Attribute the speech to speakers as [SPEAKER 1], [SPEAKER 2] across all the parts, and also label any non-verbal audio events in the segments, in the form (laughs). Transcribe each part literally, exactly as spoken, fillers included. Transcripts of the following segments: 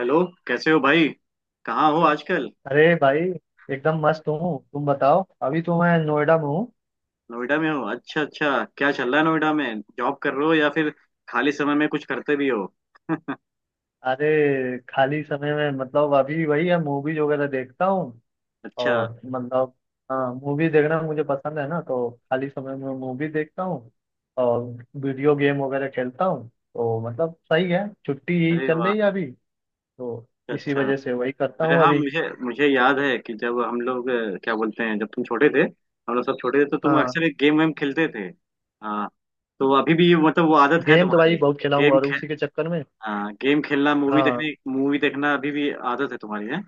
[SPEAKER 1] Hello, कैसे हो भाई। कहाँ हो आजकल।
[SPEAKER 2] अरे भाई। एकदम मस्त हूँ, तुम बताओ। अभी तो मैं नोएडा में हूँ।
[SPEAKER 1] नोएडा में हो। अच्छा अच्छा। क्या चल रहा है नोएडा में, जॉब कर रहे हो या फिर खाली समय में कुछ करते भी हो। (laughs)
[SPEAKER 2] अरे, खाली समय में मतलब अभी वही है, मूवीज वगैरह देखता हूँ।
[SPEAKER 1] अच्छा।
[SPEAKER 2] और मतलब। हाँ, मूवी देखना मुझे पसंद है ना, तो खाली समय में मूवी देखता हूँ। और। वीडियो गेम वगैरह खेलता हूँ, तो मतलब सही है, छुट्टी यही
[SPEAKER 1] अरे
[SPEAKER 2] चल
[SPEAKER 1] वाह।
[SPEAKER 2] रही है अभी। तो।
[SPEAKER 1] अच्छा
[SPEAKER 2] इसी
[SPEAKER 1] अच्छा।
[SPEAKER 2] वजह से वही करता
[SPEAKER 1] अरे
[SPEAKER 2] हूँ
[SPEAKER 1] हाँ,
[SPEAKER 2] अभी।
[SPEAKER 1] मुझे मुझे याद है कि जब हम लोग अ, क्या बोलते हैं, जब तुम छोटे थे, हम लोग सब छोटे थे, तो तुम
[SPEAKER 2] हाँ,
[SPEAKER 1] अक्सर एक गेम वेम खेलते थे। हाँ। तो अभी भी मतलब वो आदत है
[SPEAKER 2] गेम तो भाई
[SPEAKER 1] तुम्हारी।
[SPEAKER 2] बहुत खेला हूँ,
[SPEAKER 1] गेम
[SPEAKER 2] और
[SPEAKER 1] खेल
[SPEAKER 2] उसी के चक्कर में।
[SPEAKER 1] हाँ, गेम खेलना, मूवी
[SPEAKER 2] हाँ,
[SPEAKER 1] देखने मूवी देखना अभी भी आदत है तुम्हारी है।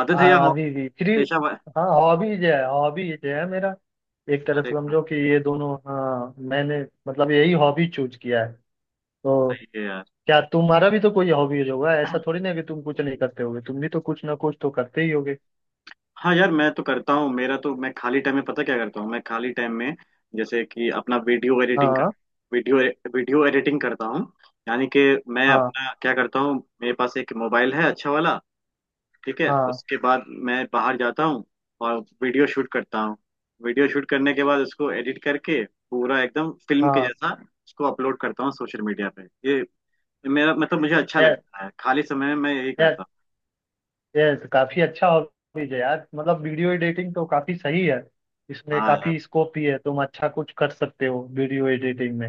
[SPEAKER 1] आदत है या
[SPEAKER 2] हाँ,
[SPEAKER 1] हो-
[SPEAKER 2] अभी भी फ्री।
[SPEAKER 1] पेशा।
[SPEAKER 2] हाँ, हॉबीज है, हॉबीज है मेरा। एक तरह से
[SPEAKER 1] अरे वाह,
[SPEAKER 2] समझो कि ये दोनों, हाँ, मैंने मतलब यही हॉबी चूज किया है। तो।
[SPEAKER 1] सही है यार।
[SPEAKER 2] क्या तुम्हारा भी तो कोई हॉबीज होगा? ऐसा थोड़ी ना है कि तुम कुछ नहीं करते होगे, तुम भी तो कुछ ना कुछ तो करते ही होगे।
[SPEAKER 1] हाँ यार, मैं तो करता हूँ। मेरा तो, मैं खाली टाइम में पता क्या करता हूँ मैं खाली टाइम में। जैसे कि अपना वीडियो एडिटिंग कर
[SPEAKER 2] हाँ,
[SPEAKER 1] वीडियो वीडियो एडिटिंग करता हूँ। यानी कि मैं
[SPEAKER 2] हाँ,
[SPEAKER 1] अपना क्या करता हूँ। मेरे पास एक मोबाइल है, अच्छा वाला। ठीक है,
[SPEAKER 2] हाँ,
[SPEAKER 1] उसके बाद मैं बाहर जाता हूँ और वीडियो शूट करता हूँ। वीडियो शूट करने के बाद उसको एडिट करके, पूरा एकदम फिल्म के
[SPEAKER 2] हाँ
[SPEAKER 1] जैसा, उसको अपलोड करता हूँ सोशल मीडिया पे। ये, मेरा मतलब मुझे अच्छा
[SPEAKER 2] यार।
[SPEAKER 1] लगता है, खाली समय में मैं यही करता
[SPEAKER 2] यस, काफी अच्छा हॉबीज है यार, मतलब वीडियो एडिटिंग तो काफी सही है।
[SPEAKER 1] हूँ।
[SPEAKER 2] इसमें
[SPEAKER 1] हाँ यार,
[SPEAKER 2] काफी स्कोप भी है, तुम अच्छा कुछ कर सकते हो वीडियो एडिटिंग में।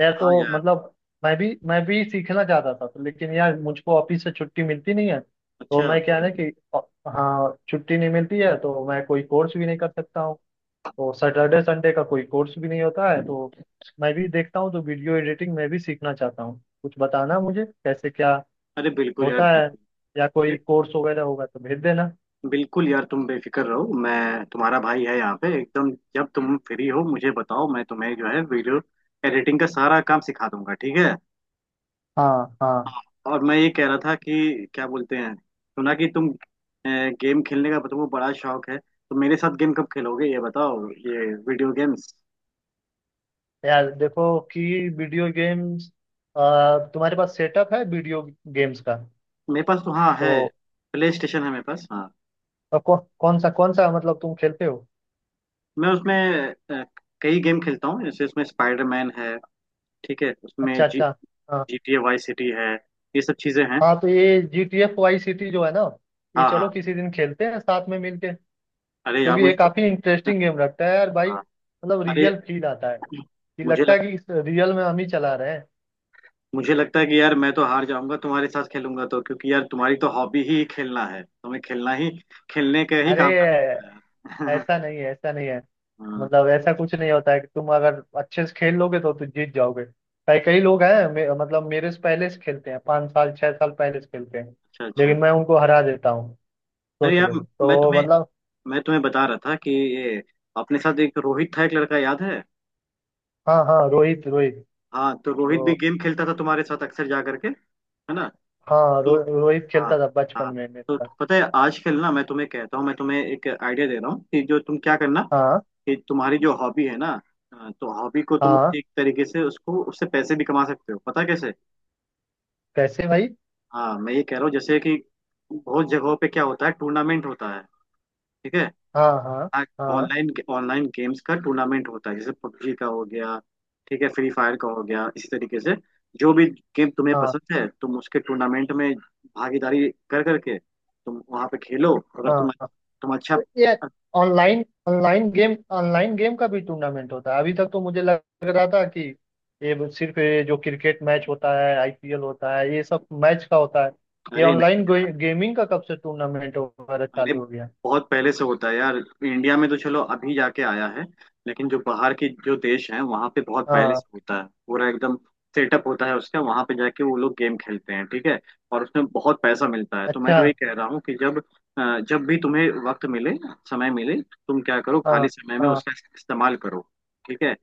[SPEAKER 2] यार, तो
[SPEAKER 1] हाँ यार।
[SPEAKER 2] मतलब मैं भी मैं भी सीखना चाहता था तो, लेकिन यार मुझको ऑफिस से छुट्टी मिलती नहीं है, तो
[SPEAKER 1] अच्छा।
[SPEAKER 2] मैं क्या है ना कि अ, हाँ, छुट्टी नहीं मिलती है, तो मैं कोई कोर्स भी नहीं कर सकता हूँ। तो सैटरडे संडे का कोई कोर्स भी नहीं होता है, तो मैं भी देखता हूँ, तो वीडियो एडिटिंग मैं भी सीखना चाहता हूँ। कुछ बताना मुझे कैसे क्या
[SPEAKER 1] अरे बिल्कुल यार,
[SPEAKER 2] होता है,
[SPEAKER 1] बिल्कुल
[SPEAKER 2] या कोई कोर्स वगैरह होगा तो भेज देना।
[SPEAKER 1] बिल्कुल यार, तुम बेफिक्र रहो, मैं तुम्हारा भाई है यहाँ पे एकदम। जब तुम फ्री हो मुझे बताओ, मैं तुम्हें जो है वीडियो एडिटिंग का सारा काम सिखा दूंगा। ठीक है।
[SPEAKER 2] हाँ, हाँ,
[SPEAKER 1] और मैं ये कह रहा था कि, क्या बोलते हैं, सुना कि तुम गेम खेलने का तुमको बड़ा शौक है, तो मेरे साथ गेम कब खेलोगे ये बताओ, ये वीडियो गेम्स।
[SPEAKER 2] यार देखो कि वीडियो गेम्स, तुम्हारे पास सेटअप है वीडियो गेम्स का?
[SPEAKER 1] मेरे पास तो हाँ है।
[SPEAKER 2] तो
[SPEAKER 1] प्ले स्टेशन है मेरे पास, हाँ।
[SPEAKER 2] अ, कौ, कौन सा कौन सा मतलब तुम खेलते हो?
[SPEAKER 1] मैं उसमें अ, कई गेम खेलता हूँ, जैसे उसमें स्पाइडरमैन है। ठीक है, उसमें
[SPEAKER 2] अच्छा,
[SPEAKER 1] जी
[SPEAKER 2] अच्छा। हाँ,
[SPEAKER 1] G T A Vice City है। ये सब चीजें हैं।
[SPEAKER 2] हाँ, तो ये G T F Vice City जो है ना, ये
[SPEAKER 1] हाँ हाँ।
[SPEAKER 2] चलो किसी दिन खेलते हैं साथ में मिलके।
[SPEAKER 1] अरे यार
[SPEAKER 2] क्योंकि ये
[SPEAKER 1] मुझे तो,
[SPEAKER 2] काफी इंटरेस्टिंग गेम लगता है यार भाई,
[SPEAKER 1] हाँ।
[SPEAKER 2] मतलब
[SPEAKER 1] अरे,
[SPEAKER 2] रियल फील आता है कि
[SPEAKER 1] मुझे
[SPEAKER 2] लगता
[SPEAKER 1] लग
[SPEAKER 2] है कि रियल में हम ही चला रहे हैं।
[SPEAKER 1] मुझे लगता है कि यार, मैं तो हार जाऊंगा तुम्हारे साथ खेलूंगा तो, क्योंकि यार तुम्हारी तो हॉबी ही खेलना है, तुम्हें खेलना ही खेलने का ही
[SPEAKER 2] अरे,
[SPEAKER 1] काम करते हो यार।
[SPEAKER 2] ऐसा
[SPEAKER 1] (laughs)
[SPEAKER 2] नहीं है, ऐसा नहीं है।
[SPEAKER 1] हाँ,
[SPEAKER 2] मतलब ऐसा कुछ नहीं होता है कि तुम अगर अच्छे से खेल लोगे तो तुम जीत जाओगे। कई कई लोग हैं, मे, मतलब मेरे से पहले से खेलते हैं, पाँच साल छह साल पहले से खेलते हैं,
[SPEAKER 1] अच्छा अच्छा।
[SPEAKER 2] लेकिन मैं उनको हरा देता हूँ,
[SPEAKER 1] अरे
[SPEAKER 2] सोच
[SPEAKER 1] यार,
[SPEAKER 2] लो।
[SPEAKER 1] मैं
[SPEAKER 2] तो
[SPEAKER 1] तुम्हें
[SPEAKER 2] मतलब।
[SPEAKER 1] मैं तुम्हें बता रहा था कि ये, अपने साथ एक रोहित था, एक लड़का, याद है।
[SPEAKER 2] हाँ, हाँ, रोहित, रोहित।
[SPEAKER 1] हाँ तो रोहित भी
[SPEAKER 2] तो
[SPEAKER 1] गेम खेलता था तुम्हारे साथ, अक्सर जा करके, है ना।
[SPEAKER 2] हाँ,
[SPEAKER 1] तो।
[SPEAKER 2] रो, रोहित
[SPEAKER 1] हाँ
[SPEAKER 2] खेलता था बचपन
[SPEAKER 1] हाँ।
[SPEAKER 2] में मेरे
[SPEAKER 1] तो
[SPEAKER 2] साथ।
[SPEAKER 1] पता है, आजकल ना मैं तुम्हें कहता हूँ मैं तुम्हें एक आइडिया दे रहा हूँ कि जो तुम क्या करना,
[SPEAKER 2] हाँ,
[SPEAKER 1] कि तुम्हारी जो हॉबी है ना, अ, तो हॉबी को तुम
[SPEAKER 2] हाँ।
[SPEAKER 1] एक तरीके से उसको उससे पैसे भी कमा सकते हो, पता है कैसे।
[SPEAKER 2] कैसे भाई?
[SPEAKER 1] हाँ, मैं ये कह रहा हूँ जैसे कि, बहुत जगहों पे क्या होता है, टूर्नामेंट होता है। ठीक है।
[SPEAKER 2] हाँ, हाँ, हाँ,
[SPEAKER 1] ऑनलाइन ऑनलाइन गेम्स का टूर्नामेंट होता है, जैसे पबजी का हो गया, ठीक है, फ्री फायर का हो गया, इसी तरीके से जो भी गेम तुम्हें
[SPEAKER 2] हाँ,
[SPEAKER 1] पसंद है तुम उसके टूर्नामेंट में भागीदारी कर करके तुम वहां पे खेलो। अगर तुम
[SPEAKER 2] हाँ
[SPEAKER 1] तुम अच्छा।
[SPEAKER 2] यार, online online game online game का भी टूर्नामेंट होता है? अभी तक तो मुझे लग रहा था कि ये बस सिर्फ, ये जो क्रिकेट मैच होता है, आई पी एल होता है, ये सब मैच का होता है। ये
[SPEAKER 1] अरे नहीं,
[SPEAKER 2] ऑनलाइन गेमिंग का कब से टूर्नामेंट वगैरह
[SPEAKER 1] अरे
[SPEAKER 2] चालू हो गया?
[SPEAKER 1] बहुत पहले से होता है यार। इंडिया में तो चलो अभी जाके आया है, लेकिन जो बाहर की जो देश हैं वहां पे बहुत पहले
[SPEAKER 2] हाँ,
[SPEAKER 1] से होता है। पूरा एकदम सेटअप होता है उसका, वहां पे जाके वो लोग गेम खेलते हैं। ठीक है। और उसमें बहुत पैसा मिलता है, तो मैं
[SPEAKER 2] अच्छा।
[SPEAKER 1] वही कह रहा हूँ कि जब अ, जब भी तुम्हें वक्त मिले समय मिले, तुम क्या करो, खाली
[SPEAKER 2] हाँ,
[SPEAKER 1] समय में
[SPEAKER 2] हाँ,
[SPEAKER 1] उसका इस्तेमाल करो। ठीक है।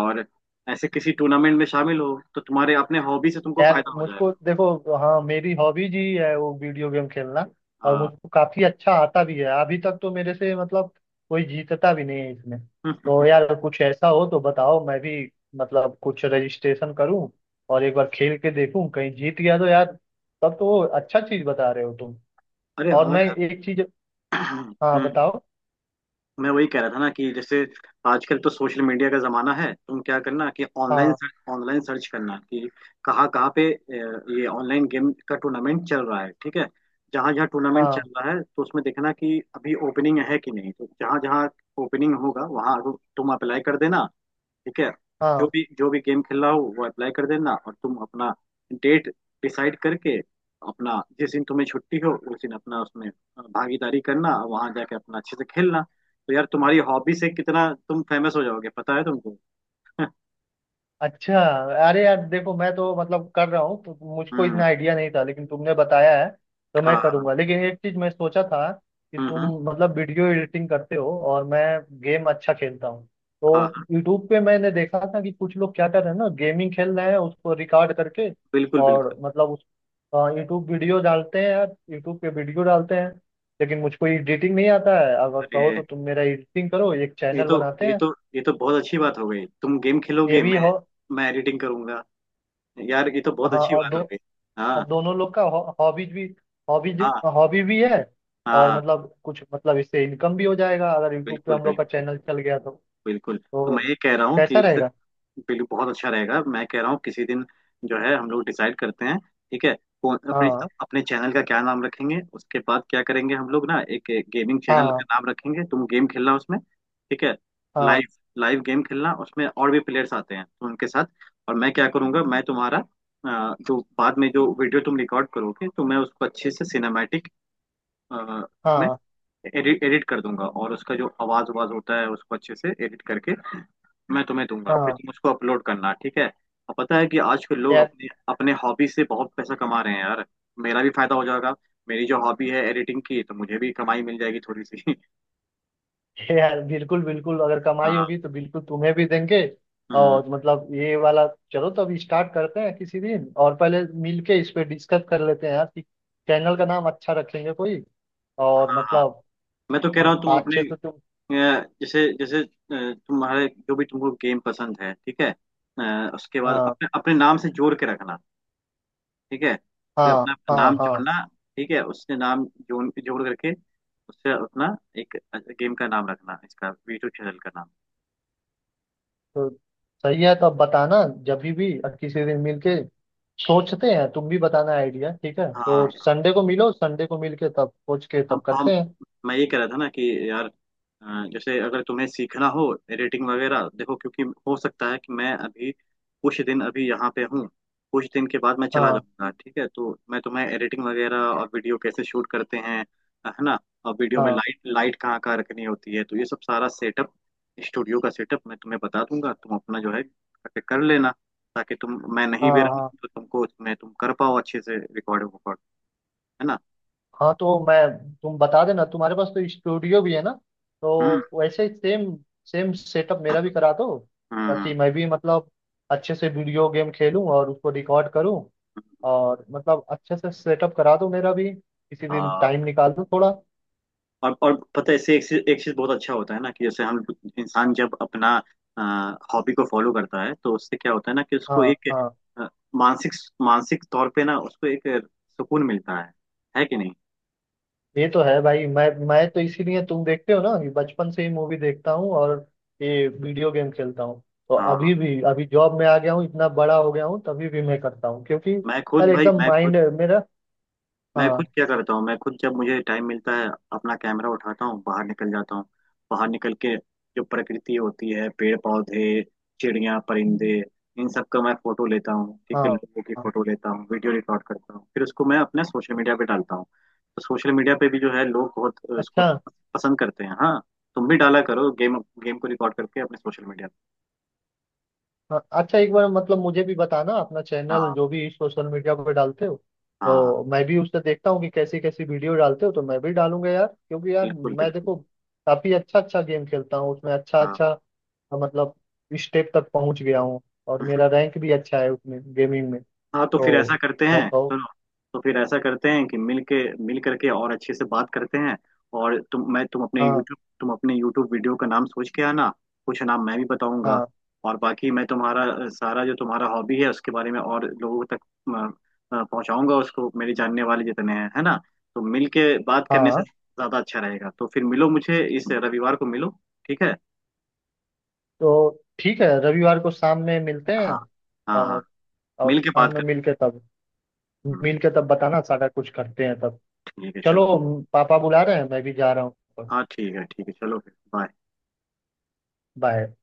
[SPEAKER 1] और ऐसे किसी टूर्नामेंट में शामिल हो तो तुम्हारे अपने हॉबी से तुमको
[SPEAKER 2] यार
[SPEAKER 1] फायदा हो
[SPEAKER 2] मुझको
[SPEAKER 1] जाएगा।
[SPEAKER 2] देखो, हाँ, मेरी हॉबीज ही है वो वीडियो गेम खेलना। और
[SPEAKER 1] हाँ।
[SPEAKER 2] मुझको काफी अच्छा आता भी है, अभी तक तो मेरे से मतलब कोई जीतता भी नहीं है इसमें। तो
[SPEAKER 1] (laughs)
[SPEAKER 2] यार कुछ ऐसा हो तो बताओ, मैं भी मतलब कुछ रजिस्ट्रेशन करूं, और एक बार खेल के देखूं, कहीं जीत गया तो यार, तब तो अच्छा चीज बता रहे हो तुम।
[SPEAKER 1] अरे
[SPEAKER 2] और
[SPEAKER 1] हाँ
[SPEAKER 2] मैं
[SPEAKER 1] यार।
[SPEAKER 2] एक चीज।
[SPEAKER 1] (clears throat)
[SPEAKER 2] हाँ,
[SPEAKER 1] हम्म।
[SPEAKER 2] बताओ।
[SPEAKER 1] मैं वही कह रहा था ना कि जैसे, आजकल तो सोशल मीडिया का जमाना है। तुम क्या करना कि ऑनलाइन
[SPEAKER 2] हाँ,
[SPEAKER 1] सर्च ऑनलाइन सर्च करना कि कहाँ कहाँ पे अ, ये ऑनलाइन गेम का टूर्नामेंट चल रहा है। ठीक है। जहाँ जहाँ टूर्नामेंट
[SPEAKER 2] हाँ,
[SPEAKER 1] चल रहा है, तो उसमें देखना कि अभी ओपनिंग है कि नहीं, तो जहाँ जहाँ ओपनिंग होगा वहाँ तुम अप्लाई कर देना। ठीक है। जो
[SPEAKER 2] हाँ,
[SPEAKER 1] भी जो भी गेम खेल रहा हो वो अप्लाई कर देना, और तुम अपना डेट डिसाइड करके, अपना जिस दिन तुम्हें छुट्टी हो उस दिन अपना उसमें भागीदारी करना और वहां जाके अपना अच्छे से खेलना। तो यार, तुम्हारी हॉबी से कितना तुम फेमस हो जाओगे, पता है तुमको।
[SPEAKER 2] अच्छा। अरे यार देखो, मैं तो मतलब कर रहा हूँ, तो मुझको
[SPEAKER 1] हम्म।
[SPEAKER 2] इतना आइडिया नहीं था, लेकिन तुमने बताया है, तो मैं
[SPEAKER 1] हाँ।
[SPEAKER 2] करूंगा। लेकिन एक चीज मैं सोचा था कि
[SPEAKER 1] हम्म
[SPEAKER 2] तुम
[SPEAKER 1] हम्म,
[SPEAKER 2] मतलब वीडियो एडिटिंग करते हो और मैं गेम अच्छा खेलता हूँ,
[SPEAKER 1] हाँ
[SPEAKER 2] तो
[SPEAKER 1] हाँ।
[SPEAKER 2] यूट्यूब पे मैंने देखा था कि कुछ लोग क्या कर रहे हैं ना, गेमिंग खेल रहे हैं उसको रिकॉर्ड करके,
[SPEAKER 1] बिल्कुल
[SPEAKER 2] और
[SPEAKER 1] बिल्कुल।
[SPEAKER 2] मतलब उस यूट्यूब वीडियो डालते हैं यार, यूट्यूब पे वीडियो डालते हैं। लेकिन मुझको एडिटिंग नहीं आता है, अगर कहो
[SPEAKER 1] अरे,
[SPEAKER 2] तो तुम मेरा एडिटिंग करो, एक
[SPEAKER 1] ये
[SPEAKER 2] चैनल
[SPEAKER 1] तो
[SPEAKER 2] बनाते
[SPEAKER 1] ये
[SPEAKER 2] हैं।
[SPEAKER 1] तो ये तो बहुत अच्छी बात हो गई। तुम गेम
[SPEAKER 2] ये
[SPEAKER 1] खेलोगे,
[SPEAKER 2] भी
[SPEAKER 1] मैं
[SPEAKER 2] हो।
[SPEAKER 1] मैं एडिटिंग करूंगा। यार, ये तो बहुत
[SPEAKER 2] हाँ,
[SPEAKER 1] अच्छी
[SPEAKER 2] और
[SPEAKER 1] बात
[SPEAKER 2] दो
[SPEAKER 1] हो गई।
[SPEAKER 2] और
[SPEAKER 1] हाँ
[SPEAKER 2] दोनों लोग का हॉबीज भी हॉबीज
[SPEAKER 1] हाँ
[SPEAKER 2] हॉबी भी है।
[SPEAKER 1] हाँ
[SPEAKER 2] और
[SPEAKER 1] हाँ,
[SPEAKER 2] मतलब कुछ, मतलब इससे इनकम भी हो जाएगा अगर यूट्यूब पे
[SPEAKER 1] बिल्कुल
[SPEAKER 2] हम लोग का
[SPEAKER 1] बिल्कुल
[SPEAKER 2] चैनल चल गया तो
[SPEAKER 1] बिल्कुल। तो
[SPEAKER 2] तो
[SPEAKER 1] मैं ये कह रहा हूँ कि
[SPEAKER 2] कैसा
[SPEAKER 1] इसे,
[SPEAKER 2] रहेगा?
[SPEAKER 1] बिल्कुल बहुत अच्छा रहेगा। मैं कह रहा हूँ किसी दिन जो है, हम लोग डिसाइड करते हैं। ठीक है। कौन- अपने
[SPEAKER 2] हाँ,
[SPEAKER 1] अपने चैनल का क्या नाम रखेंगे, उसके बाद क्या करेंगे हम लोग ना, एक गेमिंग चैनल का
[SPEAKER 2] हाँ,
[SPEAKER 1] नाम रखेंगे। तुम गेम खेलना उसमें, ठीक है।
[SPEAKER 2] हाँ,
[SPEAKER 1] लाइव लाइव गेम खेलना उसमें, और भी प्लेयर्स आते हैं तो उनके साथ। और मैं क्या करूंगा, मैं तुम्हारा अ, जो बाद में जो वीडियो तुम रिकॉर्ड करोगे तो मैं उसको अच्छे से सिनेमैटिक इसमें
[SPEAKER 2] हाँ,
[SPEAKER 1] एडिट एडिट कर दूंगा, और उसका जो आवाज आवाज होता है उसको अच्छे से एडिट करके मैं तुम्हें दूंगा, फिर
[SPEAKER 2] हाँ
[SPEAKER 1] तुम उसको अपलोड करना। ठीक है। और पता है कि आजकल लोग
[SPEAKER 2] यार,
[SPEAKER 1] अपने अपने हॉबी से बहुत पैसा कमा रहे हैं यार। मेरा भी फायदा हो जाएगा, मेरी जो हॉबी है एडिटिंग की, तो मुझे भी कमाई मिल जाएगी थोड़ी सी। (laughs)
[SPEAKER 2] यार बिल्कुल, बिल्कुल, अगर कमाई
[SPEAKER 1] हाँ।
[SPEAKER 2] होगी तो बिल्कुल तुम्हें भी देंगे।
[SPEAKER 1] हम्म,
[SPEAKER 2] और मतलब ये वाला, चलो तो अभी स्टार्ट करते हैं किसी दिन, और पहले मिल के इस पे डिस्कस कर लेते हैं यार कि चैनल का नाम अच्छा रखेंगे कोई,
[SPEAKER 1] हाँ
[SPEAKER 2] और
[SPEAKER 1] हाँ।
[SPEAKER 2] मतलब।
[SPEAKER 1] मैं तो कह रहा
[SPEAKER 2] हाँ,
[SPEAKER 1] हूँ तुम अपने
[SPEAKER 2] अच्छे से तुम।
[SPEAKER 1] अ, जैसे जैसे अ, तुम्हारे जो भी तुमको गेम पसंद है, ठीक है, अ, उसके बाद
[SPEAKER 2] हाँ,
[SPEAKER 1] अपने अपने नाम से जोड़ के रखना। ठीक है। फिर अपना
[SPEAKER 2] हाँ, हाँ,
[SPEAKER 1] नाम
[SPEAKER 2] हाँ,
[SPEAKER 1] जोड़ना, ठीक है, उससे नाम जोड़ जोड़ करके उससे अपना एक गेम का नाम रखना, इसका वीटू चैनल का नाम।
[SPEAKER 2] तो सही है, तो अब बताना जब भी भी और किसी दिन मिलके सोचते हैं, तुम भी बताना आइडिया। ठीक है, तो
[SPEAKER 1] हाँ।
[SPEAKER 2] संडे को मिलो, संडे को मिलके तब सोच के
[SPEAKER 1] हम
[SPEAKER 2] तब
[SPEAKER 1] हम
[SPEAKER 2] करते हैं।
[SPEAKER 1] मैं ये कह रहा था ना कि यार, अ, जैसे अगर तुम्हें सीखना हो एडिटिंग वगैरह, देखो, क्योंकि हो सकता है कि मैं अभी कुछ दिन अभी यहाँ पे हूँ, कुछ दिन के बाद मैं चला
[SPEAKER 2] हाँ,
[SPEAKER 1] जाऊंगा, ठीक है। तो मैं तुम्हें एडिटिंग वगैरह और वीडियो कैसे शूट करते हैं, है ना। और वीडियो में
[SPEAKER 2] हाँ,
[SPEAKER 1] लाइट लाइट कहाँ कहाँ रखनी होती है, तो ये सब सारा सेटअप स्टूडियो का सेटअप मैं तुम्हें बता दूंगा, तुम अपना जो है कर लेना। ताकि तुम, मैं
[SPEAKER 2] हाँ,
[SPEAKER 1] नहीं भी रहूँ
[SPEAKER 2] हाँ,
[SPEAKER 1] तो तुमको, मैं तुम कर पाओ अच्छे से रिकॉर्ड वकॉर्ड, है ना।
[SPEAKER 2] हाँ, तो मैं, तुम बता देना, तुम्हारे पास तो स्टूडियो भी है ना,
[SPEAKER 1] हम्म
[SPEAKER 2] तो वैसे ही सेम सेम सेटअप मेरा भी करा दो,
[SPEAKER 1] हम्म
[SPEAKER 2] ताकि
[SPEAKER 1] हम्म,
[SPEAKER 2] मैं भी मतलब अच्छे से वीडियो गेम खेलूं और उसको रिकॉर्ड करूं।
[SPEAKER 1] हम्म।
[SPEAKER 2] और मतलब अच्छे से सेटअप करा दो मेरा भी, किसी दिन
[SPEAKER 1] हाँ,
[SPEAKER 2] टाइम निकाल दो थोड़ा।
[SPEAKER 1] और और पता है, इससे एक चीज एक चीज बहुत अच्छा होता है ना, कि जैसे हम इंसान जब अपना हॉबी को फॉलो करता है तो उससे क्या होता है ना, कि उसको
[SPEAKER 2] हाँ,
[SPEAKER 1] एक
[SPEAKER 2] हाँ,
[SPEAKER 1] अ, मानसिक मानसिक तौर पे ना उसको एक सुकून मिलता है है कि नहीं।
[SPEAKER 2] ये तो है भाई, मैं मैं तो इसीलिए तुम देखते हो ना कि बचपन से ही मूवी देखता हूँ और ये वीडियो गेम खेलता हूँ। तो
[SPEAKER 1] हाँ,
[SPEAKER 2] अभी भी, अभी जॉब में आ गया हूँ, इतना बड़ा हो गया हूँ, तभी भी मैं करता हूँ, क्योंकि
[SPEAKER 1] मैं
[SPEAKER 2] यार
[SPEAKER 1] खुद भाई
[SPEAKER 2] एकदम
[SPEAKER 1] मैं खुद
[SPEAKER 2] माइंड मेरा।
[SPEAKER 1] मैं खुद
[SPEAKER 2] हाँ,
[SPEAKER 1] क्या करता हूँ, मैं खुद जब मुझे टाइम मिलता है, अपना कैमरा उठाता हूँ, बाहर निकल जाता हूँ, बाहर निकल के जो प्रकृति होती है, पेड़ पौधे, चिड़िया परिंदे, इन सब का मैं फोटो लेता हूँ। ठीक है,
[SPEAKER 2] हाँ,
[SPEAKER 1] लोगों की
[SPEAKER 2] हाँ,
[SPEAKER 1] फोटो लेता हूँ, वीडियो रिकॉर्ड करता हूँ, फिर उसको मैं अपने सोशल मीडिया पे डालता हूँ। तो सोशल मीडिया पे भी जो है लोग बहुत अ, उसको
[SPEAKER 2] अच्छा।
[SPEAKER 1] पसंद करते हैं, हाँ। तुम भी डाला करो, गेम गेम को रिकॉर्ड करके अपने सोशल मीडिया
[SPEAKER 2] हाँ, अच्छा, एक बार मतलब मुझे भी बताना अपना
[SPEAKER 1] पे।
[SPEAKER 2] चैनल
[SPEAKER 1] हाँ
[SPEAKER 2] जो भी सोशल मीडिया पर डालते हो,
[SPEAKER 1] हाँ हाँ,
[SPEAKER 2] तो मैं भी उससे देखता हूँ कि कैसी कैसी वीडियो डालते हो, तो मैं भी डालूंगा यार। क्योंकि यार
[SPEAKER 1] बिल्कुल
[SPEAKER 2] मैं
[SPEAKER 1] बिल्कुल।
[SPEAKER 2] देखो काफी अच्छा अच्छा गेम खेलता हूँ उसमें, अच्छा अच्छा मतलब स्टेप तक पहुंच गया हूँ, और
[SPEAKER 1] हाँ
[SPEAKER 2] मेरा रैंक भी अच्छा है उसमें गेमिंग में।
[SPEAKER 1] हाँ। तो फिर
[SPEAKER 2] तो
[SPEAKER 1] ऐसा करते
[SPEAKER 2] मैं
[SPEAKER 1] हैं
[SPEAKER 2] कहूँ।
[SPEAKER 1] सुनो, तो फिर ऐसा करते हैं कि मिल के मिल करके और अच्छे से बात करते हैं। और तुम मैं तुम अपने
[SPEAKER 2] हाँ,
[SPEAKER 1] यूट्यूब तुम अपने यूट्यूब वीडियो का नाम सोच के आना, कुछ नाम मैं भी बताऊंगा।
[SPEAKER 2] हाँ,
[SPEAKER 1] और बाकी मैं तुम्हारा अ, सारा जो तुम्हारा हॉबी है उसके बारे में और लोगों तक अ, अ, पहुंचाऊंगा, उसको मेरे जानने वाले जितने हैं, है ना। तो मिल के बात करने से
[SPEAKER 2] हाँ,
[SPEAKER 1] ज्यादा अच्छा रहेगा, तो फिर मिलो मुझे, इस रविवार को मिलो। ठीक है।
[SPEAKER 2] तो ठीक है, रविवार को शाम में मिलते
[SPEAKER 1] हाँ
[SPEAKER 2] हैं।
[SPEAKER 1] हाँ हाँ।
[SPEAKER 2] और और
[SPEAKER 1] मिल के
[SPEAKER 2] शाम
[SPEAKER 1] बात
[SPEAKER 2] में
[SPEAKER 1] कर
[SPEAKER 2] मिल के तब,
[SPEAKER 1] हम्म,
[SPEAKER 2] मिल के तब बताना, सारा कुछ करते हैं तब।
[SPEAKER 1] ठीक है
[SPEAKER 2] चलो,
[SPEAKER 1] चलो।
[SPEAKER 2] पापा बुला रहे हैं, मैं भी जा रहा हूँ।
[SPEAKER 1] हाँ ठीक है, ठीक है चलो फिर बाय।
[SPEAKER 2] बाय।